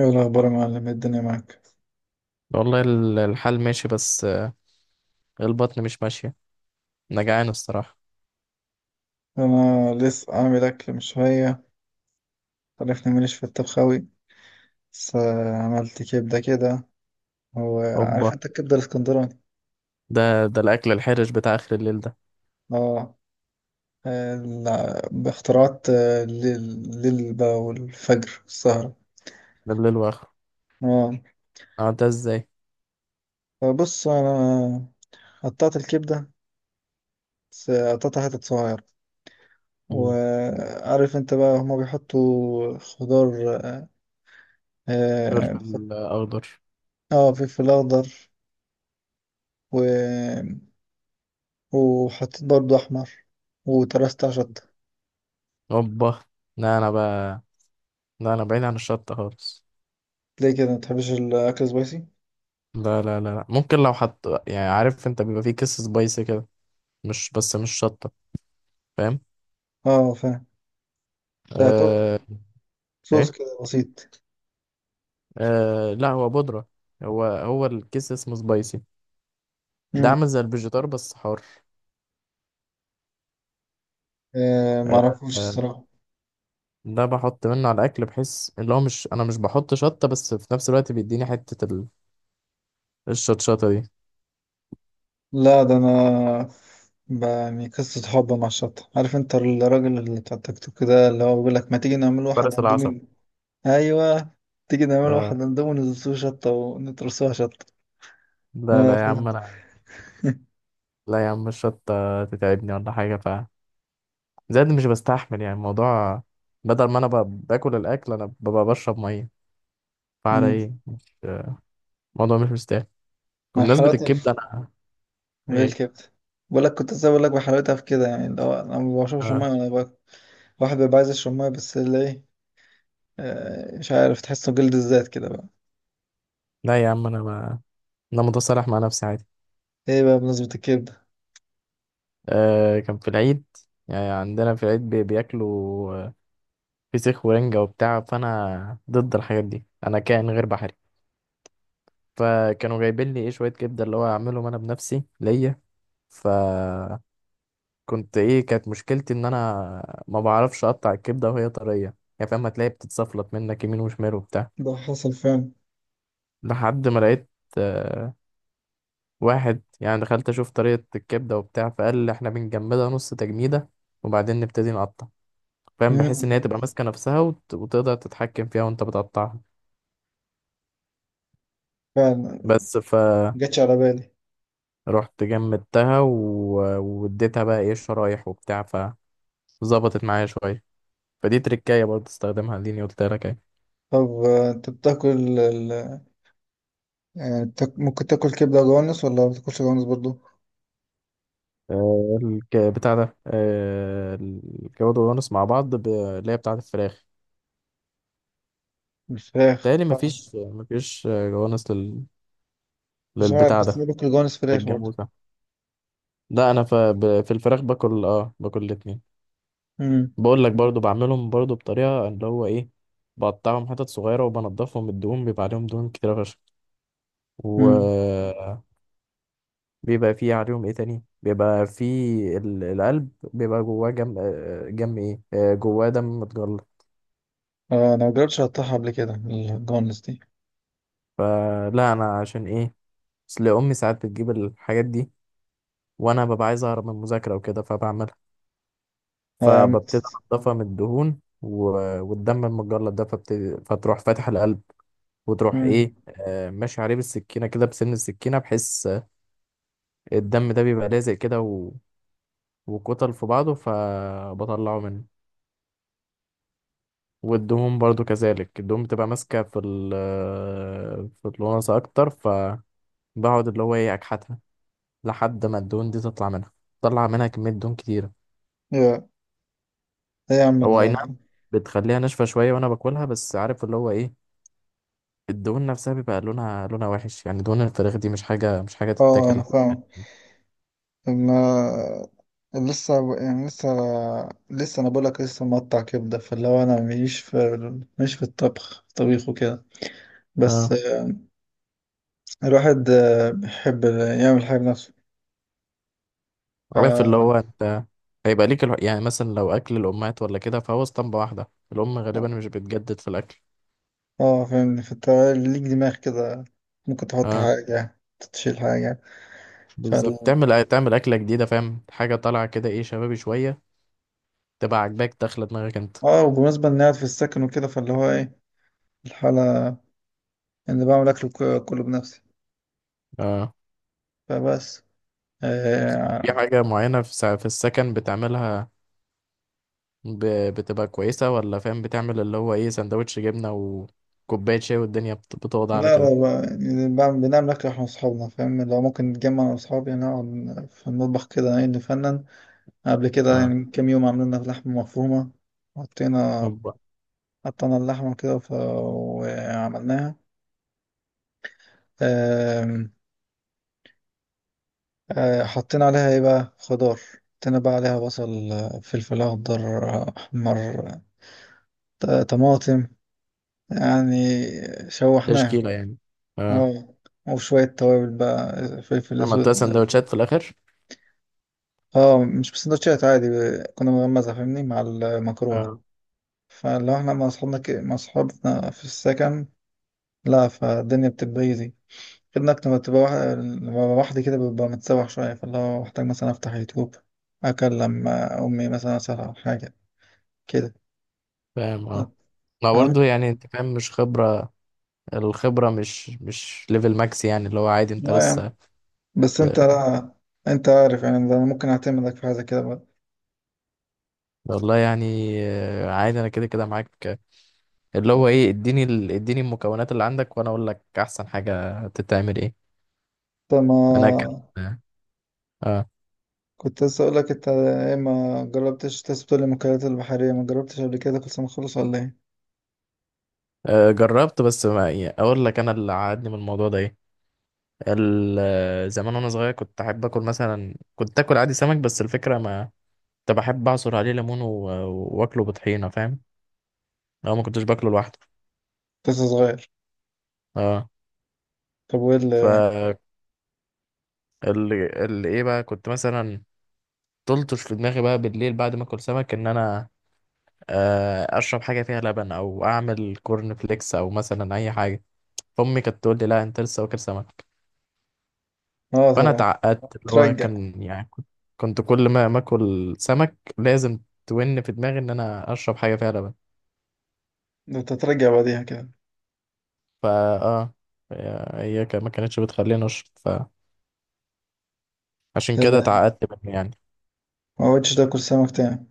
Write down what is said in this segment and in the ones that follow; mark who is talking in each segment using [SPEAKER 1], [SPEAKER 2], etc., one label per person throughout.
[SPEAKER 1] ايه الاخبار يا معلم؟ إيه الدنيا معاك؟
[SPEAKER 2] والله الحال ماشي، بس البطن مش ماشية. أنا جعان الصراحة.
[SPEAKER 1] انا لسه عامل اكل من شويه. عرفني ماليش في الطبخ اوي. بس عملت كبده كده. هو عارف
[SPEAKER 2] هوبا.
[SPEAKER 1] انت الكبده الاسكندراني.
[SPEAKER 2] ده ده الأكل الحرج بتاع آخر الليل ده.
[SPEAKER 1] اه. باختراعات، الليل الليل بقى والفجر والسهره.
[SPEAKER 2] ده الليل وآخره.
[SPEAKER 1] اه،
[SPEAKER 2] أه، ده إزاي؟
[SPEAKER 1] فبص انا قطعت الكبده، بس قطعتها حتت صغيره.
[SPEAKER 2] مم.
[SPEAKER 1] وعارف انت بقى هما بيحطوا خضار. اه،
[SPEAKER 2] فلفل أخضر.
[SPEAKER 1] فلفل اخضر، وحطيت برضو أحمر، وترست على شطة.
[SPEAKER 2] هوبا. لا، أنا بقى، لا أنا بعيد عن الشطة خالص.
[SPEAKER 1] ليه كده متحبش الأكل سبايسي؟
[SPEAKER 2] لا لا لا لا. ممكن لو حط، يعني عارف أنت بيبقى فيه كيس سبايسي كده، مش بس مش شطة. فاهم؟
[SPEAKER 1] اه فاهم. ده يعتبر
[SPEAKER 2] آه.
[SPEAKER 1] صوص
[SPEAKER 2] إيه.
[SPEAKER 1] كده بسيط.
[SPEAKER 2] آه، لا هو بودرة. هو الكيس اسمه سبايسي. ده
[SPEAKER 1] مم.
[SPEAKER 2] عامل زي الفيجيتار بس حار.
[SPEAKER 1] آه
[SPEAKER 2] آه.
[SPEAKER 1] معرفوش
[SPEAKER 2] آه.
[SPEAKER 1] الصراحة.
[SPEAKER 2] ده بحط منه على الاكل بحيث اللي هو، مش انا مش بحط شطه، بس في نفس الوقت بيديني حته الشطشطه دي.
[SPEAKER 1] لا ده أنا، يعني قصة حب مع الشطة، عارف انت الراجل اللي بتاع التيك توك ده اللي هو بيقول لك ما تيجي نعمل واحد
[SPEAKER 2] فرس العصب.
[SPEAKER 1] اندومي. ايوه، تيجي نعمل
[SPEAKER 2] آه.
[SPEAKER 1] واحد اندومي ونزلسوه شطة ونترسوها شطة.
[SPEAKER 2] لا
[SPEAKER 1] اه
[SPEAKER 2] لا يا
[SPEAKER 1] فاهم.
[SPEAKER 2] عم انا، لا يا عم الشطه تتعبني ولا حاجه. ف زائد مش بستحمل يعني الموضوع، بدل ما انا باكل الاكل انا ببقى بشرب ميه. فعلى
[SPEAKER 1] مم.
[SPEAKER 2] ايه؟ مش الموضوع مش مستاهل.
[SPEAKER 1] مع
[SPEAKER 2] بمناسبه
[SPEAKER 1] حلاوتها.
[SPEAKER 2] الكبده، انا. ايه؟
[SPEAKER 1] بالكبدة. بقول لك كنت لسه بقول لك بحلاوتها في كده يعني اللي هو انا ما بشربش
[SPEAKER 2] آه.
[SPEAKER 1] ميه. واحد بيبقى عايز يشرب ميه بس اللي ايه، مش عارف، تحسه جلد الذات كده بقى.
[SPEAKER 2] لا يا عم انا ما، انا متصالح مع نفسي عادي.
[SPEAKER 1] ايه بقى بمناسبة الكبدة.
[SPEAKER 2] آه. كان في العيد، يعني عندنا في العيد بياكلوا فسيخ ورنجة وبتاع، فأنا ضد الحاجات دي، أنا كائن غير بحري. فكانوا جايبين لي إيه شوية كبدة اللي هو أعملهم أنا بنفسي ليا. فكنت، إيه، كانت مشكلتي إن أنا ما بعرفش أقطع الكبدة وهي طرية. يعني فاهم، هتلاقي بتتصفلت منك يمين وشمال وبتاع
[SPEAKER 1] ده حصل فعلا.
[SPEAKER 2] لحد ما لقيت آه، واحد، يعني دخلت أشوف طريقة الكبدة وبتاع فقال لي إحنا بنجمدها نص تجميدة وبعدين نبتدي نقطع. فاهم؟ بحيث إن هي
[SPEAKER 1] مم.
[SPEAKER 2] تبقى ماسكة نفسها وتقدر تتحكم فيها وأنت بتقطعها.
[SPEAKER 1] فعلا.
[SPEAKER 2] بس ف
[SPEAKER 1] جاتش على بالي.
[SPEAKER 2] رحت جمدتها واديتها بقى ايه الشرايح وبتاع، فظبطت معايا شوية. فدي تركاية برضه استخدمها اللي قلت لك اهي.
[SPEAKER 1] طب انت بتاكل ال... ممكن تاكل كبدة جوانس ولا ما بتاكلش جوانس برضو؟
[SPEAKER 2] بتاع ده، الجواد والجوانس مع بعض اللي هي بتاعة الفراخ.
[SPEAKER 1] الفراخ
[SPEAKER 2] تهيألي
[SPEAKER 1] آه.
[SPEAKER 2] مفيش جوانس
[SPEAKER 1] مش عارف،
[SPEAKER 2] للبتاع
[SPEAKER 1] بس
[SPEAKER 2] ده،
[SPEAKER 1] انا باكل جوانس فراخ برضو.
[SPEAKER 2] للجاموسة. لا أنا في الفراخ باكل، باكل الاتنين.
[SPEAKER 1] مم.
[SPEAKER 2] بقول لك برضو بعملهم برضو بطريقة اللي هو ايه. بقطعهم حتت صغيرة وبنضفهم من الدهون، بيبقى عليهم دهون كتيرة فشخ.
[SPEAKER 1] مم.
[SPEAKER 2] و بيبقى فيه عليهم ايه تاني، بيبقى فيه القلب بيبقى جواه جم ايه آه، جواه دم متجلط.
[SPEAKER 1] آه انا مجربتش اقطعها قبل كده الجوانس دي.
[SPEAKER 2] فلا انا عشان ايه، اصل امي ساعات بتجيب الحاجات دي وانا ببقى عايز اهرب من المذاكره وكده فبعملها.
[SPEAKER 1] اه يا عم.
[SPEAKER 2] فببتدي انضفها من الدهون والدم المتجلط ده، فبتدي فتروح فاتح القلب وتروح
[SPEAKER 1] مم.
[SPEAKER 2] ايه ماشي عليه بالسكينه كده بسن السكينه بحيث الدم ده بيبقى لازق كده و وكتل في بعضه فبطلعه منه. والدهون برضو كذلك، الدهون بتبقى ماسكة في ال في الوناسة أكتر، فبقعد اللي هو إيه، أكحتها لحد ما الدهون دي تطلع منها، تطلع منها كمية دهون كتيرة.
[SPEAKER 1] يا ايه يا عم
[SPEAKER 2] هو أي نعم، بتخليها ناشفة شوية وأنا باكلها، بس عارف اللي هو إيه، الدهون نفسها بيبقى لونها وحش، يعني دهون الفراخ دي مش حاجة مش حاجة
[SPEAKER 1] اه انا
[SPEAKER 2] تتاكل.
[SPEAKER 1] فاهم. ما لسه يعني لسه لسه انا بقولك لسه مقطع كبده، فاللي هو انا مش في الطبخ طبيخ وكده. بس
[SPEAKER 2] اه.
[SPEAKER 1] الواحد بيحب يعمل حاجه بنفسه. ف
[SPEAKER 2] عارف اللي هو انت هيبقى ليك يعني مثلا لو اكل الامهات ولا كده فهو اسطمبة واحدة، الام غالبا مش بتجدد في الاكل.
[SPEAKER 1] اه فاهمني، فانت ليك دماغ كده، ممكن تحط
[SPEAKER 2] اه،
[SPEAKER 1] حاجه، تشيل حاجه. فال
[SPEAKER 2] بالظبط، تعمل اكله جديده، فاهم، حاجه طالعه كده، ايه، شبابي شويه، تبقى عاجباك داخله دماغك انت.
[SPEAKER 1] اه، وبالنسبه اني قاعد في السكن وكده، فاللي هو ايه الحاله، اني بعمل اكل كله بنفسي.
[SPEAKER 2] اه،
[SPEAKER 1] فبس
[SPEAKER 2] في
[SPEAKER 1] آه.
[SPEAKER 2] حاجه معينه في في السكن بتعملها، ب... بتبقى كويسه؟ ولا فاهم بتعمل اللي هو ايه سندوتش جبنه وكوبايه شاي والدنيا بتوضع
[SPEAKER 1] لا
[SPEAKER 2] على كده.
[SPEAKER 1] لا بقى، يعني بنعمل أكل إحنا وأصحابنا فاهم، لو ممكن نتجمع أنا وأصحابي يعني نقعد في المطبخ كده يعني نفنن. قبل كده
[SPEAKER 2] اه،
[SPEAKER 1] يعني كام يوم عملنا لحمة مفرومة. حطينا،
[SPEAKER 2] هوبا.
[SPEAKER 1] قطعنا اللحمة كده وعملناها. آم، حطينا عليها إيه بقى، خضار. حطينا بقى عليها بصل، فلفل أخضر، أحمر، آه، طماطم يعني. شوحناها.
[SPEAKER 2] تشكيله يعني. اه.
[SPEAKER 1] اه، وشوية توابل بقى، فلفل
[SPEAKER 2] عملتها
[SPEAKER 1] أسود.
[SPEAKER 2] سندوتشات في الاخر.
[SPEAKER 1] اه، مش بسندوتشات عادي، كنا بنغمسها فاهمني مع المكرونة.
[SPEAKER 2] اه
[SPEAKER 1] فلو احنا مع اصحابنا في السكن، لا فالدنيا بتبقى ايزي. غير انك لما لما ببقى لوحدي كده ببقى متسوح شوية، فاللي هو محتاج مثلا افتح يوتيوب، اكلم امي مثلا اسألها على حاجة كده.
[SPEAKER 2] فاهم. اه، ما
[SPEAKER 1] فاهم؟
[SPEAKER 2] برضه يعني انت فاهم مش خبرة، الخبرة مش ليفل ماكس، يعني اللي هو عادي انت
[SPEAKER 1] اه يعني.
[SPEAKER 2] لسه.
[SPEAKER 1] بس انت لا، انت عارف يعني، ده انا ممكن اعتمدك في حاجة كده بقى.
[SPEAKER 2] والله يعني عادي انا كده كده معاك. اللي هو ايه، اديني المكونات اللي عندك وانا اقول لك احسن حاجة تتعمل ايه.
[SPEAKER 1] انت ما
[SPEAKER 2] انا كان اه.
[SPEAKER 1] كنت لسه اقول لك انت ايه، ما جربتش تسبح المأكولات البحرية، ما جربتش قبل كده كل سنة خالص ولا ايه؟
[SPEAKER 2] جربت، بس ما يعني اقول لك انا اللي عادني من الموضوع ده ايه، ال... آه، زمان وانا صغير كنت احب اكل مثلا، كنت اكل عادي سمك، بس الفكرة ما، كنت بحب اعصر عليه ليمون و واكله بطحينة، فاهم، لو ما كنتش باكله لوحده.
[SPEAKER 1] كنت لسه صغير.
[SPEAKER 2] اه.
[SPEAKER 1] طب وايه
[SPEAKER 2] ف
[SPEAKER 1] اللي؟
[SPEAKER 2] ايه بقى، كنت مثلا تلطش في دماغي بقى بالليل بعد ما اكل سمك ان انا اشرب حاجه فيها لبن او اعمل كورن فليكس او مثلا اي حاجه. فامي كانت تقول لي، لا انت لسه واكل سمك.
[SPEAKER 1] اه
[SPEAKER 2] فانا
[SPEAKER 1] طبعا.
[SPEAKER 2] اتعقدت، اللي هو
[SPEAKER 1] ترجع.
[SPEAKER 2] كان يعني كنت كل ما اكل سمك لازم تون في دماغي ان انا اشرب حاجه فيها لبن.
[SPEAKER 1] ده انت ترجع بعديها كده.
[SPEAKER 2] فا اه، هي ما كانتش بتخليني اشرب، فعشان كده
[SPEAKER 1] إيه،
[SPEAKER 2] اتعقدت منه يعني.
[SPEAKER 1] ما قعدتش تاكل سمك تاني؟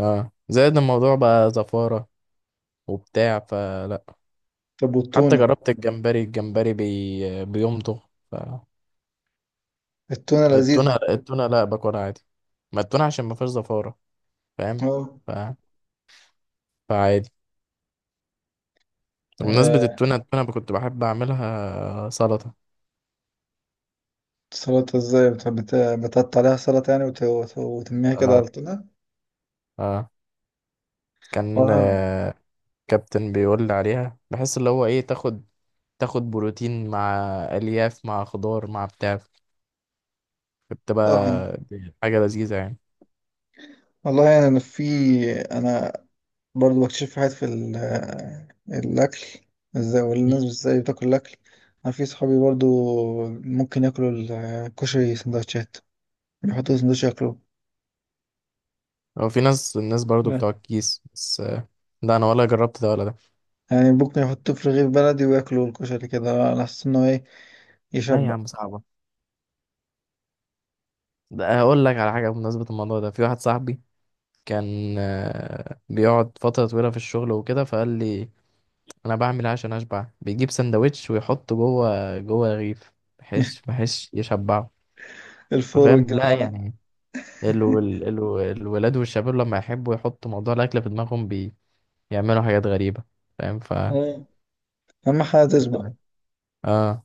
[SPEAKER 2] اه، زائد الموضوع بقى زفاره وبتاع، فلا.
[SPEAKER 1] طب
[SPEAKER 2] حتى
[SPEAKER 1] والتونة.
[SPEAKER 2] جربت الجمبري، الجمبري بيمضغ.
[SPEAKER 1] التونة
[SPEAKER 2] التونة،
[SPEAKER 1] لذيذة.
[SPEAKER 2] التونة لا باكلها عادي، ما التونة عشان ما فيهاش زفارة، فاهم.
[SPEAKER 1] اه،
[SPEAKER 2] ف... فعادي. بمناسبة
[SPEAKER 1] آه،
[SPEAKER 2] التونة، التونة كنت بحب أعملها سلطة.
[SPEAKER 1] سلطة ازاي، بتقطع عليها سلطة يعني، وترميها كده على
[SPEAKER 2] آه.
[SPEAKER 1] التونة.
[SPEAKER 2] آه. كان
[SPEAKER 1] وأنا-
[SPEAKER 2] آه، كابتن بيقول لي عليها، بحس اللي هو إيه، تاخد، تاخد بروتين مع ألياف مع خضار مع بتاع، بتبقى
[SPEAKER 1] اه
[SPEAKER 2] حاجة لذيذة يعني.
[SPEAKER 1] والله يعني انا في، انا برضه بكتشف في حاجات الأكل، ازاي
[SPEAKER 2] مم.
[SPEAKER 1] والناس ازاي بتاكل الأكل. أنا في صحابي برضه ممكن ياكلوا الكشري سندوتشات، يحطوا سندوتش ياكلوه.
[SPEAKER 2] هو في ناس، الناس برضو
[SPEAKER 1] لا.
[SPEAKER 2] بتوع الكيس بس آه، لا أنا ولا جربت ده ولا ده.
[SPEAKER 1] يعني ممكن يحطوه في رغيف بلدي وياكلوا الكشري كده على أساس إنه إيه،
[SPEAKER 2] لا يا
[SPEAKER 1] يشبع.
[SPEAKER 2] عم صعبة. ده أقول لك على حاجة بمناسبة الموضوع ده، في واحد صاحبي كان بيقعد فترة طويلة في الشغل وكده، فقال لي أنا بعمل إيه عشان أشبع، بيجيب سندوتش ويحطه جوه جوه رغيف بحيث بحيث يشبعه.
[SPEAKER 1] الفول
[SPEAKER 2] فاهم لا
[SPEAKER 1] والجزانة.
[SPEAKER 2] يعني الولاد والشباب لما يحبوا يحطوا موضوع الأكل في دماغهم بيعملوا حاجات غريبة. فاهم ف
[SPEAKER 1] آه. أهم حاجة تشبع.
[SPEAKER 2] تمام. اه،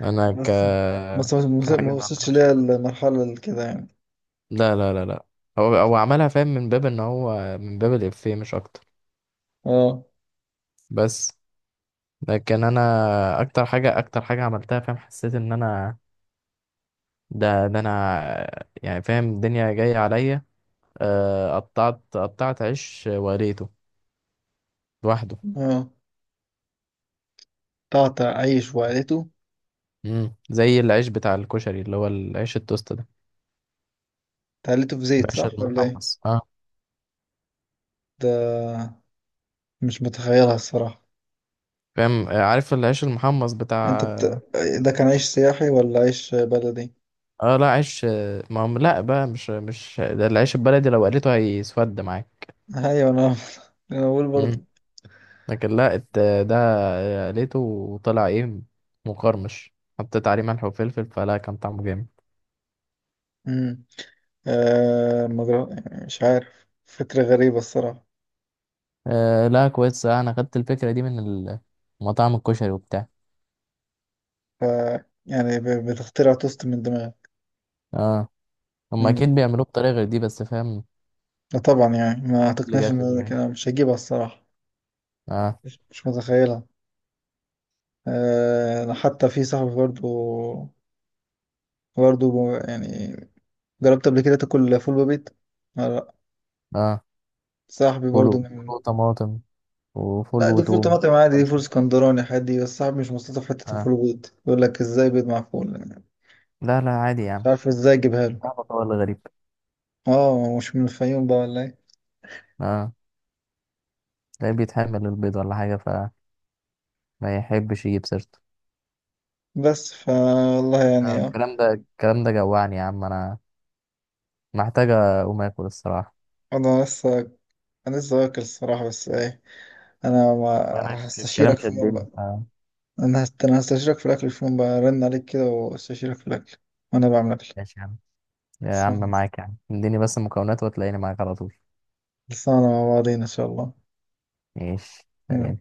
[SPEAKER 2] أنا ك
[SPEAKER 1] بس،
[SPEAKER 2] كحاجة
[SPEAKER 1] ما وصلتش
[SPEAKER 2] بعملها
[SPEAKER 1] ليا
[SPEAKER 2] شبه،
[SPEAKER 1] المرحلة اللي كده يعني.
[SPEAKER 2] لا لا لا لا، هو عملها فاهم من باب إن هو من باب الإفيه مش أكتر.
[SPEAKER 1] اه.
[SPEAKER 2] بس لكن انا اكتر حاجه عملتها، فاهم حسيت ان انا، ده انا يعني، فاهم الدنيا جايه عليا، قطعت عيش وريته لوحده.
[SPEAKER 1] اه، تعطى عيش وعيلته.
[SPEAKER 2] زي العيش بتاع الكشري اللي هو العيش التوست ده،
[SPEAKER 1] تعليته في زيت
[SPEAKER 2] العيش
[SPEAKER 1] صح ولا ايه؟
[SPEAKER 2] المحمص اه.
[SPEAKER 1] ده مش متخيلها الصراحة.
[SPEAKER 2] فاهم عارف العيش المحمص
[SPEAKER 1] انت
[SPEAKER 2] بتاع.
[SPEAKER 1] بت... ده كان عيش سياحي ولا عيش بلدي؟
[SPEAKER 2] اه لا عيش ما هم لا بقى مش ده العيش البلدي لو قليته هيسود.
[SPEAKER 1] ايوه انا انا بقول
[SPEAKER 2] معاك.
[SPEAKER 1] برضه.
[SPEAKER 2] لكن لا ده لقيته وطلع ايه، مقرمش، حطيت عليه ملح وفلفل فلا، كان طعمه جامد.
[SPEAKER 1] امم. آه مجر... مش عارف، فكرة غريبة الصراحة.
[SPEAKER 2] آه لا كويس انا خدت الفكرة دي من مطاعم الكشري وبتاع.
[SPEAKER 1] ف... يعني ب... بتخترع توست من دماغي.
[SPEAKER 2] اه، هم
[SPEAKER 1] امم.
[SPEAKER 2] اكيد بيعملوه بطريقة غير دي، بس فاهم
[SPEAKER 1] لا طبعا، يعني ما
[SPEAKER 2] دي اللي
[SPEAKER 1] اعتقدناش
[SPEAKER 2] جات
[SPEAKER 1] ان
[SPEAKER 2] في
[SPEAKER 1] انا
[SPEAKER 2] دماغي.
[SPEAKER 1] مش هجيبها الصراحة.
[SPEAKER 2] اه.
[SPEAKER 1] مش مش متخيلها. آه انا حتى في صاحبي برضه، برضه يعني، جربت قبل كده تاكل فول ببيت؟ لا.
[SPEAKER 2] اه،
[SPEAKER 1] صاحبي
[SPEAKER 2] فول
[SPEAKER 1] برضه.
[SPEAKER 2] فول وطماطم وفول
[SPEAKER 1] لا دي فول
[SPEAKER 2] وتوم.
[SPEAKER 1] طماطم عادي، دي فول
[SPEAKER 2] خلصة.
[SPEAKER 1] اسكندراني عادي، بس صاحبي مش مستلطف حتة
[SPEAKER 2] اه،
[SPEAKER 1] الفول بيض، يقول لك ازاي بيض مع فول.
[SPEAKER 2] لا لا عادي
[SPEAKER 1] مش
[SPEAKER 2] يعني،
[SPEAKER 1] عارف ازاي اجيبها له.
[SPEAKER 2] طعمه هو اللي غريب.
[SPEAKER 1] اه، مش من الفيوم بقى ولا ايه؟
[SPEAKER 2] اه، تلاقيه بيتحمل البيض ولا حاجة فما يحبش يجيب سيرته.
[SPEAKER 1] بس فا والله يعني اه.
[SPEAKER 2] الكلام ده الكلام ده جوعني يا عم انا، محتاجة أقوم آكل الصراحة.
[SPEAKER 1] انا لسه، انا لسه واكل الصراحة، بس ايه، انا
[SPEAKER 2] وانا
[SPEAKER 1] ما
[SPEAKER 2] الكلام
[SPEAKER 1] هستشيرك في
[SPEAKER 2] كمان
[SPEAKER 1] يوم
[SPEAKER 2] شدني
[SPEAKER 1] بقى.
[SPEAKER 2] آه.
[SPEAKER 1] انا هستشيرك في الاكل في يوم بقى، رن عليك كده واستشيرك في الاكل وانا بعمل اكل.
[SPEAKER 2] ماشي يا عم. يا عم
[SPEAKER 1] لسه
[SPEAKER 2] معاك يا عم، اديني بس المكونات وتلاقيني معاك على طول.
[SPEAKER 1] لسه مع بعضين ان شاء الله.
[SPEAKER 2] ماشي،
[SPEAKER 1] يلا.
[SPEAKER 2] سلام.